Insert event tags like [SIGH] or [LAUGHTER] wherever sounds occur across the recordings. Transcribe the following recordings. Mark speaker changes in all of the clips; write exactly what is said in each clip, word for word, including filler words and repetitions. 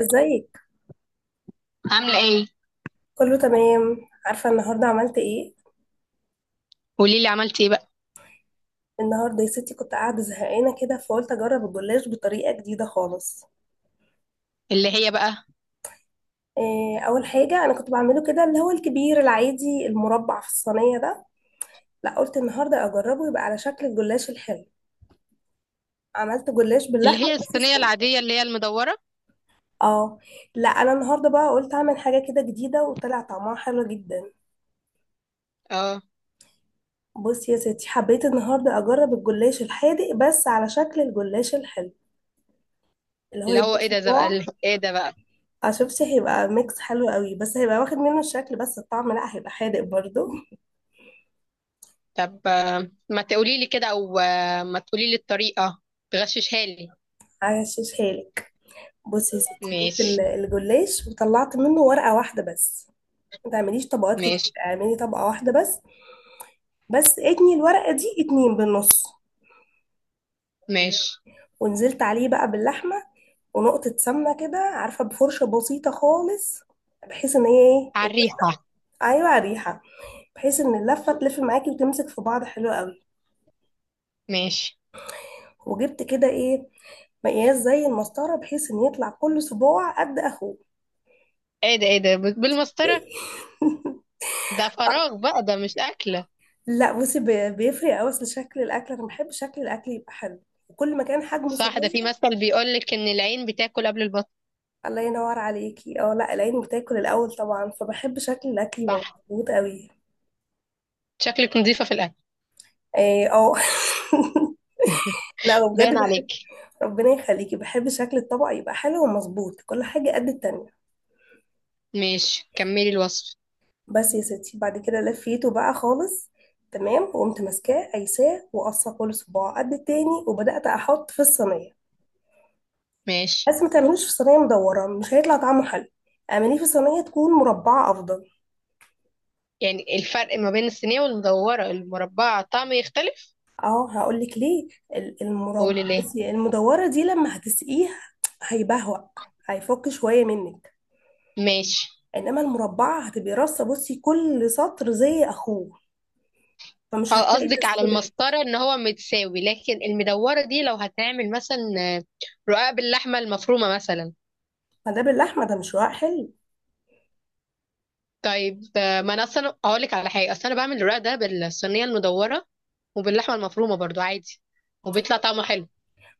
Speaker 1: ازيك؟
Speaker 2: عاملة ايه؟
Speaker 1: كله تمام. عارفه النهارده عملت ايه؟
Speaker 2: قولي لي عملتي ايه بقى.
Speaker 1: النهارده يا ستي كنت قاعده زهقانه كده، فقلت اجرب الجلاش بطريقه جديده خالص.
Speaker 2: اللي هي بقى؟
Speaker 1: إيه؟ اول حاجه انا كنت بعمله كده اللي هو الكبير العادي المربع في الصينيه ده. لا، قلت النهارده اجربه يبقى على شكل الجلاش الحلو. عملت جلاش
Speaker 2: اللي
Speaker 1: باللحمه
Speaker 2: هي
Speaker 1: بس
Speaker 2: الصينيه
Speaker 1: صغير.
Speaker 2: العاديه اللي هي المدوره؟
Speaker 1: اه لا، انا النهارده بقى قلت اعمل حاجه كده جديده، وطلع طعمها حلو جدا.
Speaker 2: اه.
Speaker 1: بصي يا ستي، حبيت النهارده اجرب الجلاش الحادق بس على شكل الجلاش الحلو، اللي هو
Speaker 2: اللي هو
Speaker 1: يبقى
Speaker 2: ايه ده ده بقى
Speaker 1: صباع.
Speaker 2: اللي- ايه ده بقى؟
Speaker 1: اه شفتي، هيبقى ميكس حلو قوي، بس هيبقى واخد منه الشكل بس، الطعم لا، هيبقى حادق برضو.
Speaker 2: طب آه، ما تقولي لي كده، او آه، ما تقولي لي الطريقه، تغششها لي.
Speaker 1: هغشش حالك. بصي [LAUGHS] يا ستي، جبت ال-
Speaker 2: ماشي.
Speaker 1: الجلاش وطلعت منه ورقة واحدة بس. ما تعمليش طبقات كتير،
Speaker 2: ماشي.
Speaker 1: اعملي طبقة واحدة بس. بس اتني الورقة دي اتنين بالنص.
Speaker 2: ماشي.
Speaker 1: ونزلت عليه بقى باللحمة، ونقطة سمنة كده، عارفة، بفرشة بسيطة خالص، بحيث ان هي...
Speaker 2: على
Speaker 1: ايه؟
Speaker 2: الريحه.
Speaker 1: ايوه، ريحة. بحيث ان اللفة تلف معاكي وتمسك في بعض حلو قوي.
Speaker 2: ماشي.
Speaker 1: وجبت كده ايه، مقياس زي المسطرة، بحيث ان يطلع كل صباع قد اخوه.
Speaker 2: ايه ده، ايه ده ب- بالمسطره؟
Speaker 1: [LAUGHS]
Speaker 2: ده فراغ بقى، ده مش اكله.
Speaker 1: لا بصي، بي- بيفرق قوي، اصل شكل الاكل، انا بحب شكل الاكل يبقى حلو، وكل ما كان حجمه
Speaker 2: صح، ده في
Speaker 1: صغير.
Speaker 2: مثل بيقول لك ان العين بتاكل قبل البطن.
Speaker 1: الله ينور عليكي. اه لا، العين بتاكل الاول طبعا، فبحب شكل الاكل يبقى
Speaker 2: صح.
Speaker 1: مظبوط قوي.
Speaker 2: شكلك نظيفه في الاكل.
Speaker 1: إيه، اه. [LAUGHS] لا
Speaker 2: [LAUGHS]
Speaker 1: بجد
Speaker 2: باين
Speaker 1: بحب.
Speaker 2: عليك.
Speaker 1: ربنا يخليكي، بحب شكل الطبق يبقى حلو ومظبوط، كل حاجة قد التانية.
Speaker 2: ماشي، كملي الوصف.
Speaker 1: بس يا ستي، بعد كده لفيته بقى خالص تمام، وقمت ماسكاه قايساه وقصه كل صباع قد التاني، وبدات احط في الصينيه.
Speaker 2: ماشي.
Speaker 1: بس ما تعملوش في صينيه مدوره، مش هيطلع طعمه حلو، اعمليه في صينيه تكون مربعه افضل.
Speaker 2: يعني الفرق ما بين الصينية والمدورة المربعة طعمه يختلف؟
Speaker 1: اه هقول لك ليه. ال- المرب
Speaker 2: قولي ليه.
Speaker 1: بصي، المدوره دي لما هتسقيها هيبهوأ، هيفك شويه منك.
Speaker 2: ماشي.
Speaker 1: انما المربعه هتبقي رصه، بصي كل سطر زي اخوه، فمش
Speaker 2: اه،
Speaker 1: هتلاقي
Speaker 2: قصدك على
Speaker 1: تسريبات.
Speaker 2: المسطرة ان هو متساوي، لكن المدورة دي لو هتعمل مثلا آه، رقاق باللحمة المفرومة مثلا.
Speaker 1: ما ده باللحمه، ده مش رواق حلو.
Speaker 2: طيب آه، ما انا اصلا اقولك على حاجة، اصلا انا بعمل الرقاق ده بالصينية المدورة وباللحمة المفرومة برضو عادي، وبيطلع طعمه حلو.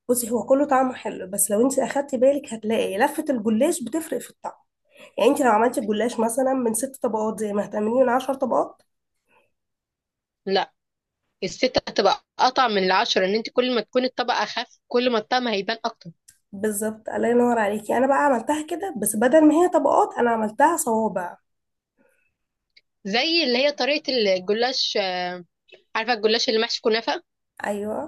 Speaker 1: بصي هو كله طعمه حلو، بس لو انت اخدتي بالك هتلاقي لفة الجلاش بتفرق في الطعم. يعني انت لو عملتي الجلاش مثلا من ست طبقات زي ما هتعمليه من عشر طبقات.
Speaker 2: لا، الستة هتبقى قطع من العشرة، ان انت كل ما تكون الطبقة اخف كل ما الطعم هيبان اكتر.
Speaker 1: بالظبط، الله ينور عليكي. انا بقى عملتها كده، بس بدل ما هي طبقات، انا عملتها صوابع.
Speaker 2: زي اللي هي طريقة الجلاش، آه، عارفة الجلاش اللي محشي كنافة؟
Speaker 1: ايوه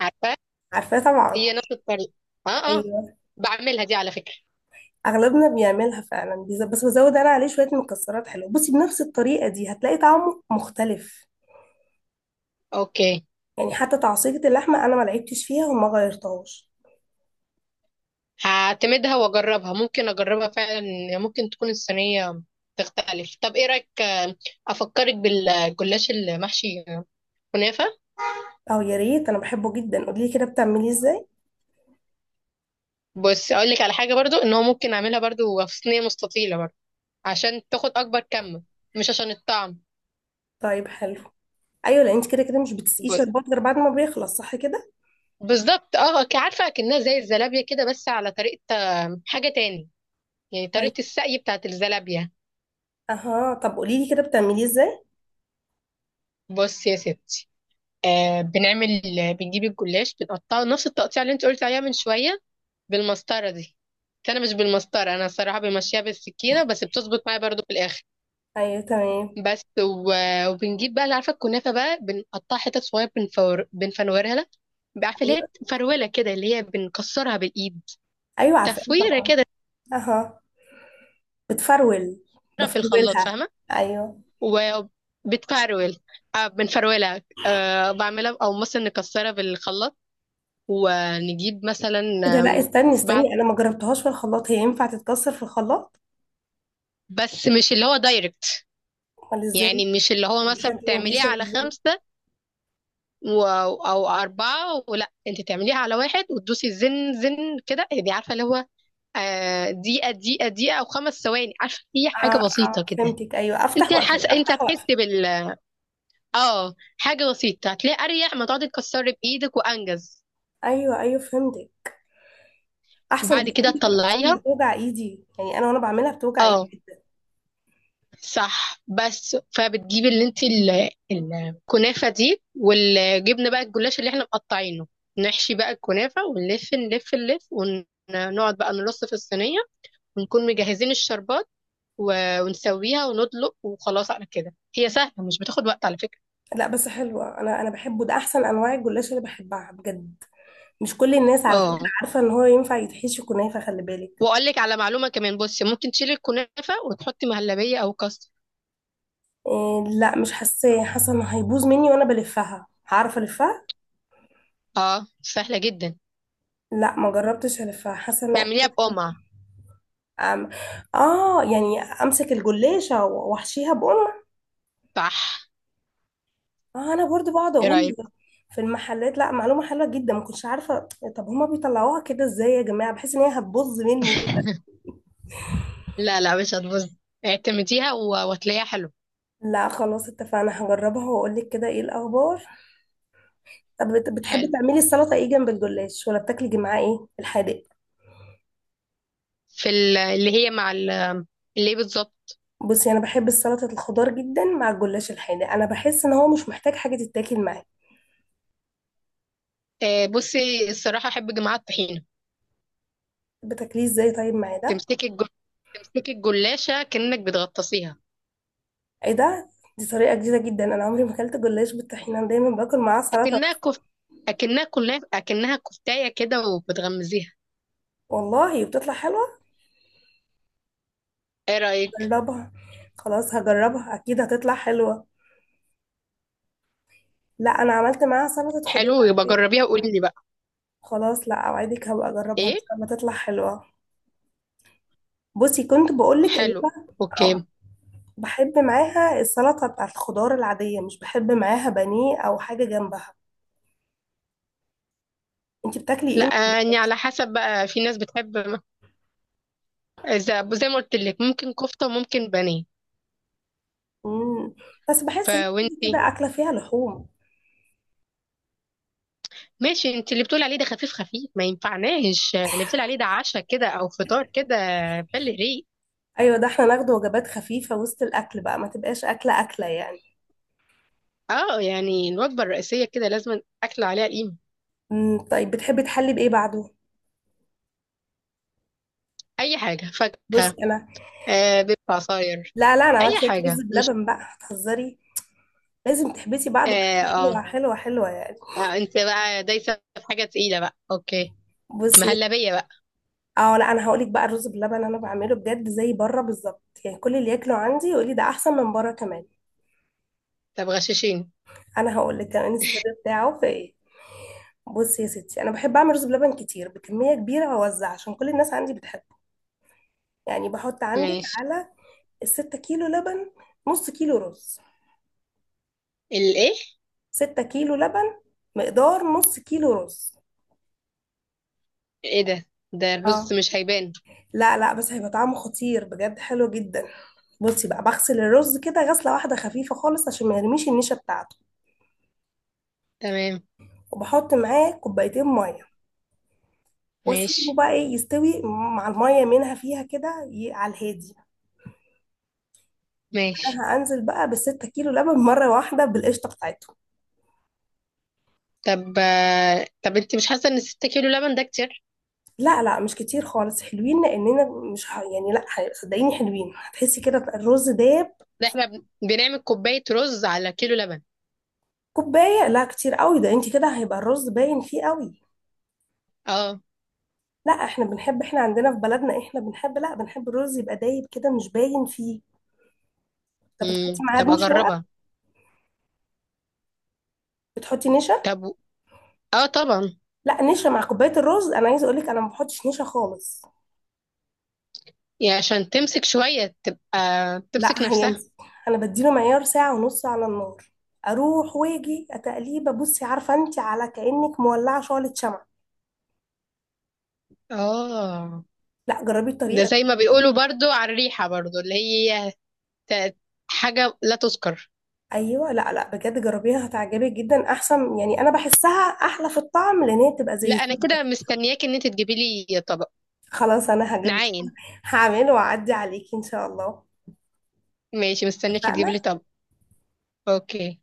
Speaker 2: عارفة؟
Speaker 1: عارفاه طبعا.
Speaker 2: هي نفس الطريقة. اه. اه.
Speaker 1: ايوه.
Speaker 2: بعملها دي على فكرة.
Speaker 1: اغلبنا بيعملها فعلا، بيز- بس بزود انا عليه شويه مكسرات حلوه، بصي بنفس الطريقه دي هتلاقي طعمه مختلف.
Speaker 2: اوكي،
Speaker 1: يعني حتى تعصيجة اللحمه انا ما لعبتش فيها وما غيرتهاش.
Speaker 2: هعتمدها واجربها، ممكن اجربها فعلا. ممكن تكون الصينية تختلف. طب ايه رأيك آه، افكرك بالجلاش المحشي آه، كنافة؟
Speaker 1: اه يا ريت، انا بحبه جدا. قولي لي كده بتعمليه ازاي؟
Speaker 2: بس اقول لك على حاجة برضو، ان هو ممكن اعملها برضو في صينية مستطيلة برضو، عشان تاخد اكبر كم، مش عشان الطعم.
Speaker 1: طيب حلو. ايوه، لان انت كده كده مش بتسقيه
Speaker 2: بس.
Speaker 1: شربات غير بعد ما بيخلص، صح كده؟
Speaker 2: بالظبط. اه ك- عارفة اكنها زي الزلابية كده، بس على طريقة آه، حاجة تاني، يعني
Speaker 1: طيب.
Speaker 2: طريقة السقي بتاعت الزلابية.
Speaker 1: اها، طب قولي لي كده بتعمليه ازاي؟
Speaker 2: بص يا ستي، آه بنعمل بنجيب الجلاش بنقطعه نفس التقطيع اللي انت قلت عليها من شوية، بالمسطرة دي. بس انا مش بالمسطرة، انا الصراحة بمشيها بالسكينة، بس بتظبط معايا برضو في الاخر.
Speaker 1: ايوه تمام.
Speaker 2: بس و... وبنجيب بقى، اللي عارفة الكنافة بقى، بنقطعها حتت صغيرة، بنفور... بنفنورها لها. عارفة اللي
Speaker 1: ايوه،
Speaker 2: هي فرولة كده، اللي هي بنكسرها بالايد.
Speaker 1: ايوه، عارفاه
Speaker 2: تفويرة
Speaker 1: طبعا.
Speaker 2: كده.
Speaker 1: اها. بتفرول؟
Speaker 2: في الخلاط،
Speaker 1: بفرولها.
Speaker 2: فاهمة؟
Speaker 1: ايوه.
Speaker 2: وبتفرول. آه بنفرولها، آه بعملها، او مثلا نكسرها بالخلاط، ونجيب مثلا.
Speaker 1: كده؟ لا
Speaker 2: آم،
Speaker 1: استني
Speaker 2: بعد،
Speaker 1: استني، انا ما جربتهاش في الخلاط، هي ينفع تتكسر في الخلاط؟
Speaker 2: بس مش اللي هو دايركت.
Speaker 1: امال ازاي؟
Speaker 2: يعني مش اللي هو مثلا
Speaker 1: بشكل
Speaker 2: بتعمليها
Speaker 1: مباشر
Speaker 2: على
Speaker 1: ازاي؟
Speaker 2: خمسة و... أو أربعة، ولا أنت تعمليها على واحد وتدوسي زن زن كده، دي عارفة اللي هو آه، دقيقة دقيقة دقيقة، أو خمس ثواني، عارفة هي حاجة
Speaker 1: اه.
Speaker 2: بسيطة
Speaker 1: اه
Speaker 2: كده.
Speaker 1: فهمتك، ايوه افتح
Speaker 2: أنت حاس
Speaker 1: واقفل
Speaker 2: أنت
Speaker 1: افتح واقفل.
Speaker 2: هتحسي بال آه حاجة بسيطة، هتلاقي أريح ما تقعدي تكسري بإيدك، وأنجز.
Speaker 1: ايوه ايوه فهمتك. احسن
Speaker 2: بعد كده
Speaker 1: بكتير، اصلا
Speaker 2: تطلعيها.
Speaker 1: بتوجع ايدي، يعني انا وانا بعملها بتوجع
Speaker 2: اه.
Speaker 1: ايدي.
Speaker 2: صح. بس فبتجيب اللي انت ال- الكنافه دي، والجبنه بقى، الجلاش اللي احنا مقطعينه، نحشي بقى الكنافه ونلف نلف نلف، ونقعد بقى نرص في الصينيه، ونكون مجهزين الشربات، و- ونسويها وندلق، وخلاص على كده. هي سهله مش بتاخد وقت على فكره.
Speaker 1: لا بس حلوة، انا انا بحبه، ده احسن انواع الجلاش اللي بحبها بجد، مش كل الناس على فكرة.
Speaker 2: اه.
Speaker 1: عارفة ان هو ينفع يتحشي كنافة؟ خلي بالك.
Speaker 2: واقول لك على معلومه كمان، بصي ممكن تشيلي الكنافه وتحطي مهلبيه او كاستر.
Speaker 1: إيه؟ لا مش حاساه، حاسة ان هيبوظ مني وانا بلفها، هعرف الفها؟
Speaker 2: اه سهله جدا.
Speaker 1: لا ما جربتش الفها، حاسة ان...
Speaker 2: تعمليها بقمع.
Speaker 1: أم... اه، يعني امسك الجلاشة واحشيها بقوم؟
Speaker 2: صح.
Speaker 1: آه انا برضو بقعد
Speaker 2: ايه
Speaker 1: اقول
Speaker 2: رايك؟
Speaker 1: في المحلات. لا، معلومة حلوة جدا، ما كنتش عارفة. طب هما بيطلعوها كده ازاي يا جماعة، بحيث ان هي هتبوظ مني.
Speaker 2: [LAUGHS] لا لا، مش هتبوظ. اعتمديها و- وهتلاقيها حلو.
Speaker 1: لا خلاص، اتفقنا، هجربها واقول لك كده ايه الاخبار. طب بت- بتحبي
Speaker 2: حلو.
Speaker 1: تعملي السلطة ايه جنب الجلاش؟ ولا بتاكلي معاه ايه الحادق؟
Speaker 2: في ال- اللي هي مع ال- اللي هي بالظبط.
Speaker 1: بصي انا بحب السلطة الخضار جدا مع الجلاش الحادق، انا بحس ان هو مش محتاج حاجة تتاكل معاه.
Speaker 2: آه، بصي الصراحة أحب جماعة الطحينة.
Speaker 1: بتاكليه ازاي طيب مع ده؟
Speaker 2: تمسكي الجل... تمسكي الجلاشة كأنك بتغطسيها.
Speaker 1: ايه ده؟ دي طريقة جديدة جدا، انا عمري ما اكلت جلاش بالطحينة، انا دايما باكل معاه سلطة
Speaker 2: أكنها
Speaker 1: بس.
Speaker 2: كفت أكنها كلها أكنها كفتاية كده وبتغمزيها.
Speaker 1: والله بتطلع حلوة.
Speaker 2: إيه رأيك؟
Speaker 1: جربها. خلاص هجربها، اكيد هتطلع حلوة. لا انا عملت معاها سلطة خضار
Speaker 2: حلو يبقى
Speaker 1: عادية.
Speaker 2: جربيها وقولي لي بقى.
Speaker 1: خلاص، لا اوعدك هبقى اجربها ان
Speaker 2: إيه؟
Speaker 1: شاء الله تطلع حلوة. بصي كنت بقولك ان
Speaker 2: حلو.
Speaker 1: أنا... آه.
Speaker 2: أوكي.
Speaker 1: بحب معاها السلطة بتاعت الخضار العادية، مش بحب معاها بانيه أو حاجة جنبها. انتي بتاكلي
Speaker 2: لا.
Speaker 1: ايه؟
Speaker 2: يعني على حسب بقى، في ناس بتحب م- إذا زي ما قلت لك، ممكن كفتة وممكن بانيه.
Speaker 1: مم. بس بحس هي كده
Speaker 2: فوانتي؟
Speaker 1: كده أكلة فيها لحوم.
Speaker 2: ماشي، انت اللي بتقول عليه ده خفيف خفيف، ما ينفعناش اللي بتقول عليه ده عشاء كده او فطار كده، بل ريق.
Speaker 1: أيوة، ده احنا ناخد وجبات خفيفة وسط الأكل بقى، ما تبقاش أكلة أكلة يعني.
Speaker 2: اه يعني الوجبه الرئيسيه كده لازم اكل عليها قيمه.
Speaker 1: مم. طيب بتحبي تحلي بإيه بعده؟
Speaker 2: اي حاجه،
Speaker 1: بص
Speaker 2: فاكهه،
Speaker 1: أنا...
Speaker 2: آه بيض، عصاير،
Speaker 1: لا لا، أنا عملت
Speaker 2: اي
Speaker 1: شوية رز
Speaker 2: حاجه مش.
Speaker 1: بلبن بقى، هتهزري، لازم تحبسي بعده
Speaker 2: اه,
Speaker 1: بحاجة
Speaker 2: آه,
Speaker 1: حلوة حلوة حلوة يعني.
Speaker 2: آه انت بقى دايسه في حاجه تقيله بقى. اوكي،
Speaker 1: بصي،
Speaker 2: مهلبيه بقى.
Speaker 1: اه لا، انا هقولك بقى الرز بلبن انا بعمله بجد زي بره بالظبط، يعني كل اللي ياكله عندي يقولي ده احسن من بره كمان.
Speaker 2: طب غشاشين.
Speaker 1: انا هقول لك كمان السر بتاعه في ايه. بصي يا ستي، انا بحب اعمل رز بلبن كتير بكميه كبيره واوزع، عشان كل الناس عندي بتحبه. يعني بحط عندك
Speaker 2: ماشي.
Speaker 1: على الستة كيلو لبن، نص كيلو رز.
Speaker 2: الايه؟
Speaker 1: ستة كيلو لبن، مقدار نص كيلو رز.
Speaker 2: ايه، إيه ده، ده الرز
Speaker 1: اه.
Speaker 2: مش هيبان.
Speaker 1: لا لا، بس هيبقى طعمه خطير بجد، حلو جدا. بصي بقى، بغسل الرز كده غسله واحده خفيفه خالص عشان ما يرميش النشا بتاعته،
Speaker 2: تمام.
Speaker 1: وبحط معاه كوبايتين ميه، واسيبه
Speaker 2: ماشي.
Speaker 1: بقى ايه يستوي مع الميه منها فيها كده، ي- على الهادي.
Speaker 2: ماشي.
Speaker 1: انا هنزل بقى بالستة كيلو لبن مرة واحدة بالقشطة بتاعتهم.
Speaker 2: طب آه، طب انت مش حاسه ان ستة كيلو لبن ده كتير؟
Speaker 1: لا لا، مش كتير خالص، حلوين، لأننا مش ه... يعني لا، ه- صدقيني حلوين، هتحسي كده الرز داب.
Speaker 2: ده احنا بن- بنعمل كوباية رز على كيلو لبن.
Speaker 1: كوباية؟ لا كتير قوي، ده انت كده هيبقى الرز باين فيه قوي.
Speaker 2: اه.
Speaker 1: لا، احنا بنحب، احنا عندنا في بلدنا احنا بنحب، لا بنحب الرز يبقى دايب كده مش باين فيه. طب
Speaker 2: امم،
Speaker 1: بتحطي معاه
Speaker 2: طب
Speaker 1: نشا بقى؟
Speaker 2: اجربها.
Speaker 1: بتحطي نشا؟
Speaker 2: طب و- اه طبعا.
Speaker 1: لا، نشا مع كوباية الرز، انا عايزة اقولك انا ما بحطش نشا خالص.
Speaker 2: يعني عشان تمسك شوية، تبقى تمسك
Speaker 1: لا،
Speaker 2: نفسها.
Speaker 1: هيمسك. انا بديله معيار ساعه ونص على النار، اروح واجي اتقليبه، بصي عارفه انت، على كانك مولعه شعله شمع.
Speaker 2: اه،
Speaker 1: لا جربي
Speaker 2: ده
Speaker 1: الطريقه دي.
Speaker 2: زي ما بيقولوا برضو، على الريحة برضو، اللي هي ت- حاجة لا تذكر.
Speaker 1: ايوه، لا لا، بجد جربيها، هتعجبك جدا، احسن، يعني انا بحسها احلى في الطعم، لان هي بتبقى زي
Speaker 2: لا، انا
Speaker 1: الزبده
Speaker 2: كده
Speaker 1: كده.
Speaker 2: مستنياك ان انت تجيبي لي طبق،
Speaker 1: خلاص انا هجيب لك.
Speaker 2: نعاين.
Speaker 1: هعمله واعدي عليكي ان شاء الله.
Speaker 2: ماشي، مستنياك تجيبي لي
Speaker 1: اتفقنا.
Speaker 2: طبق. اوكي.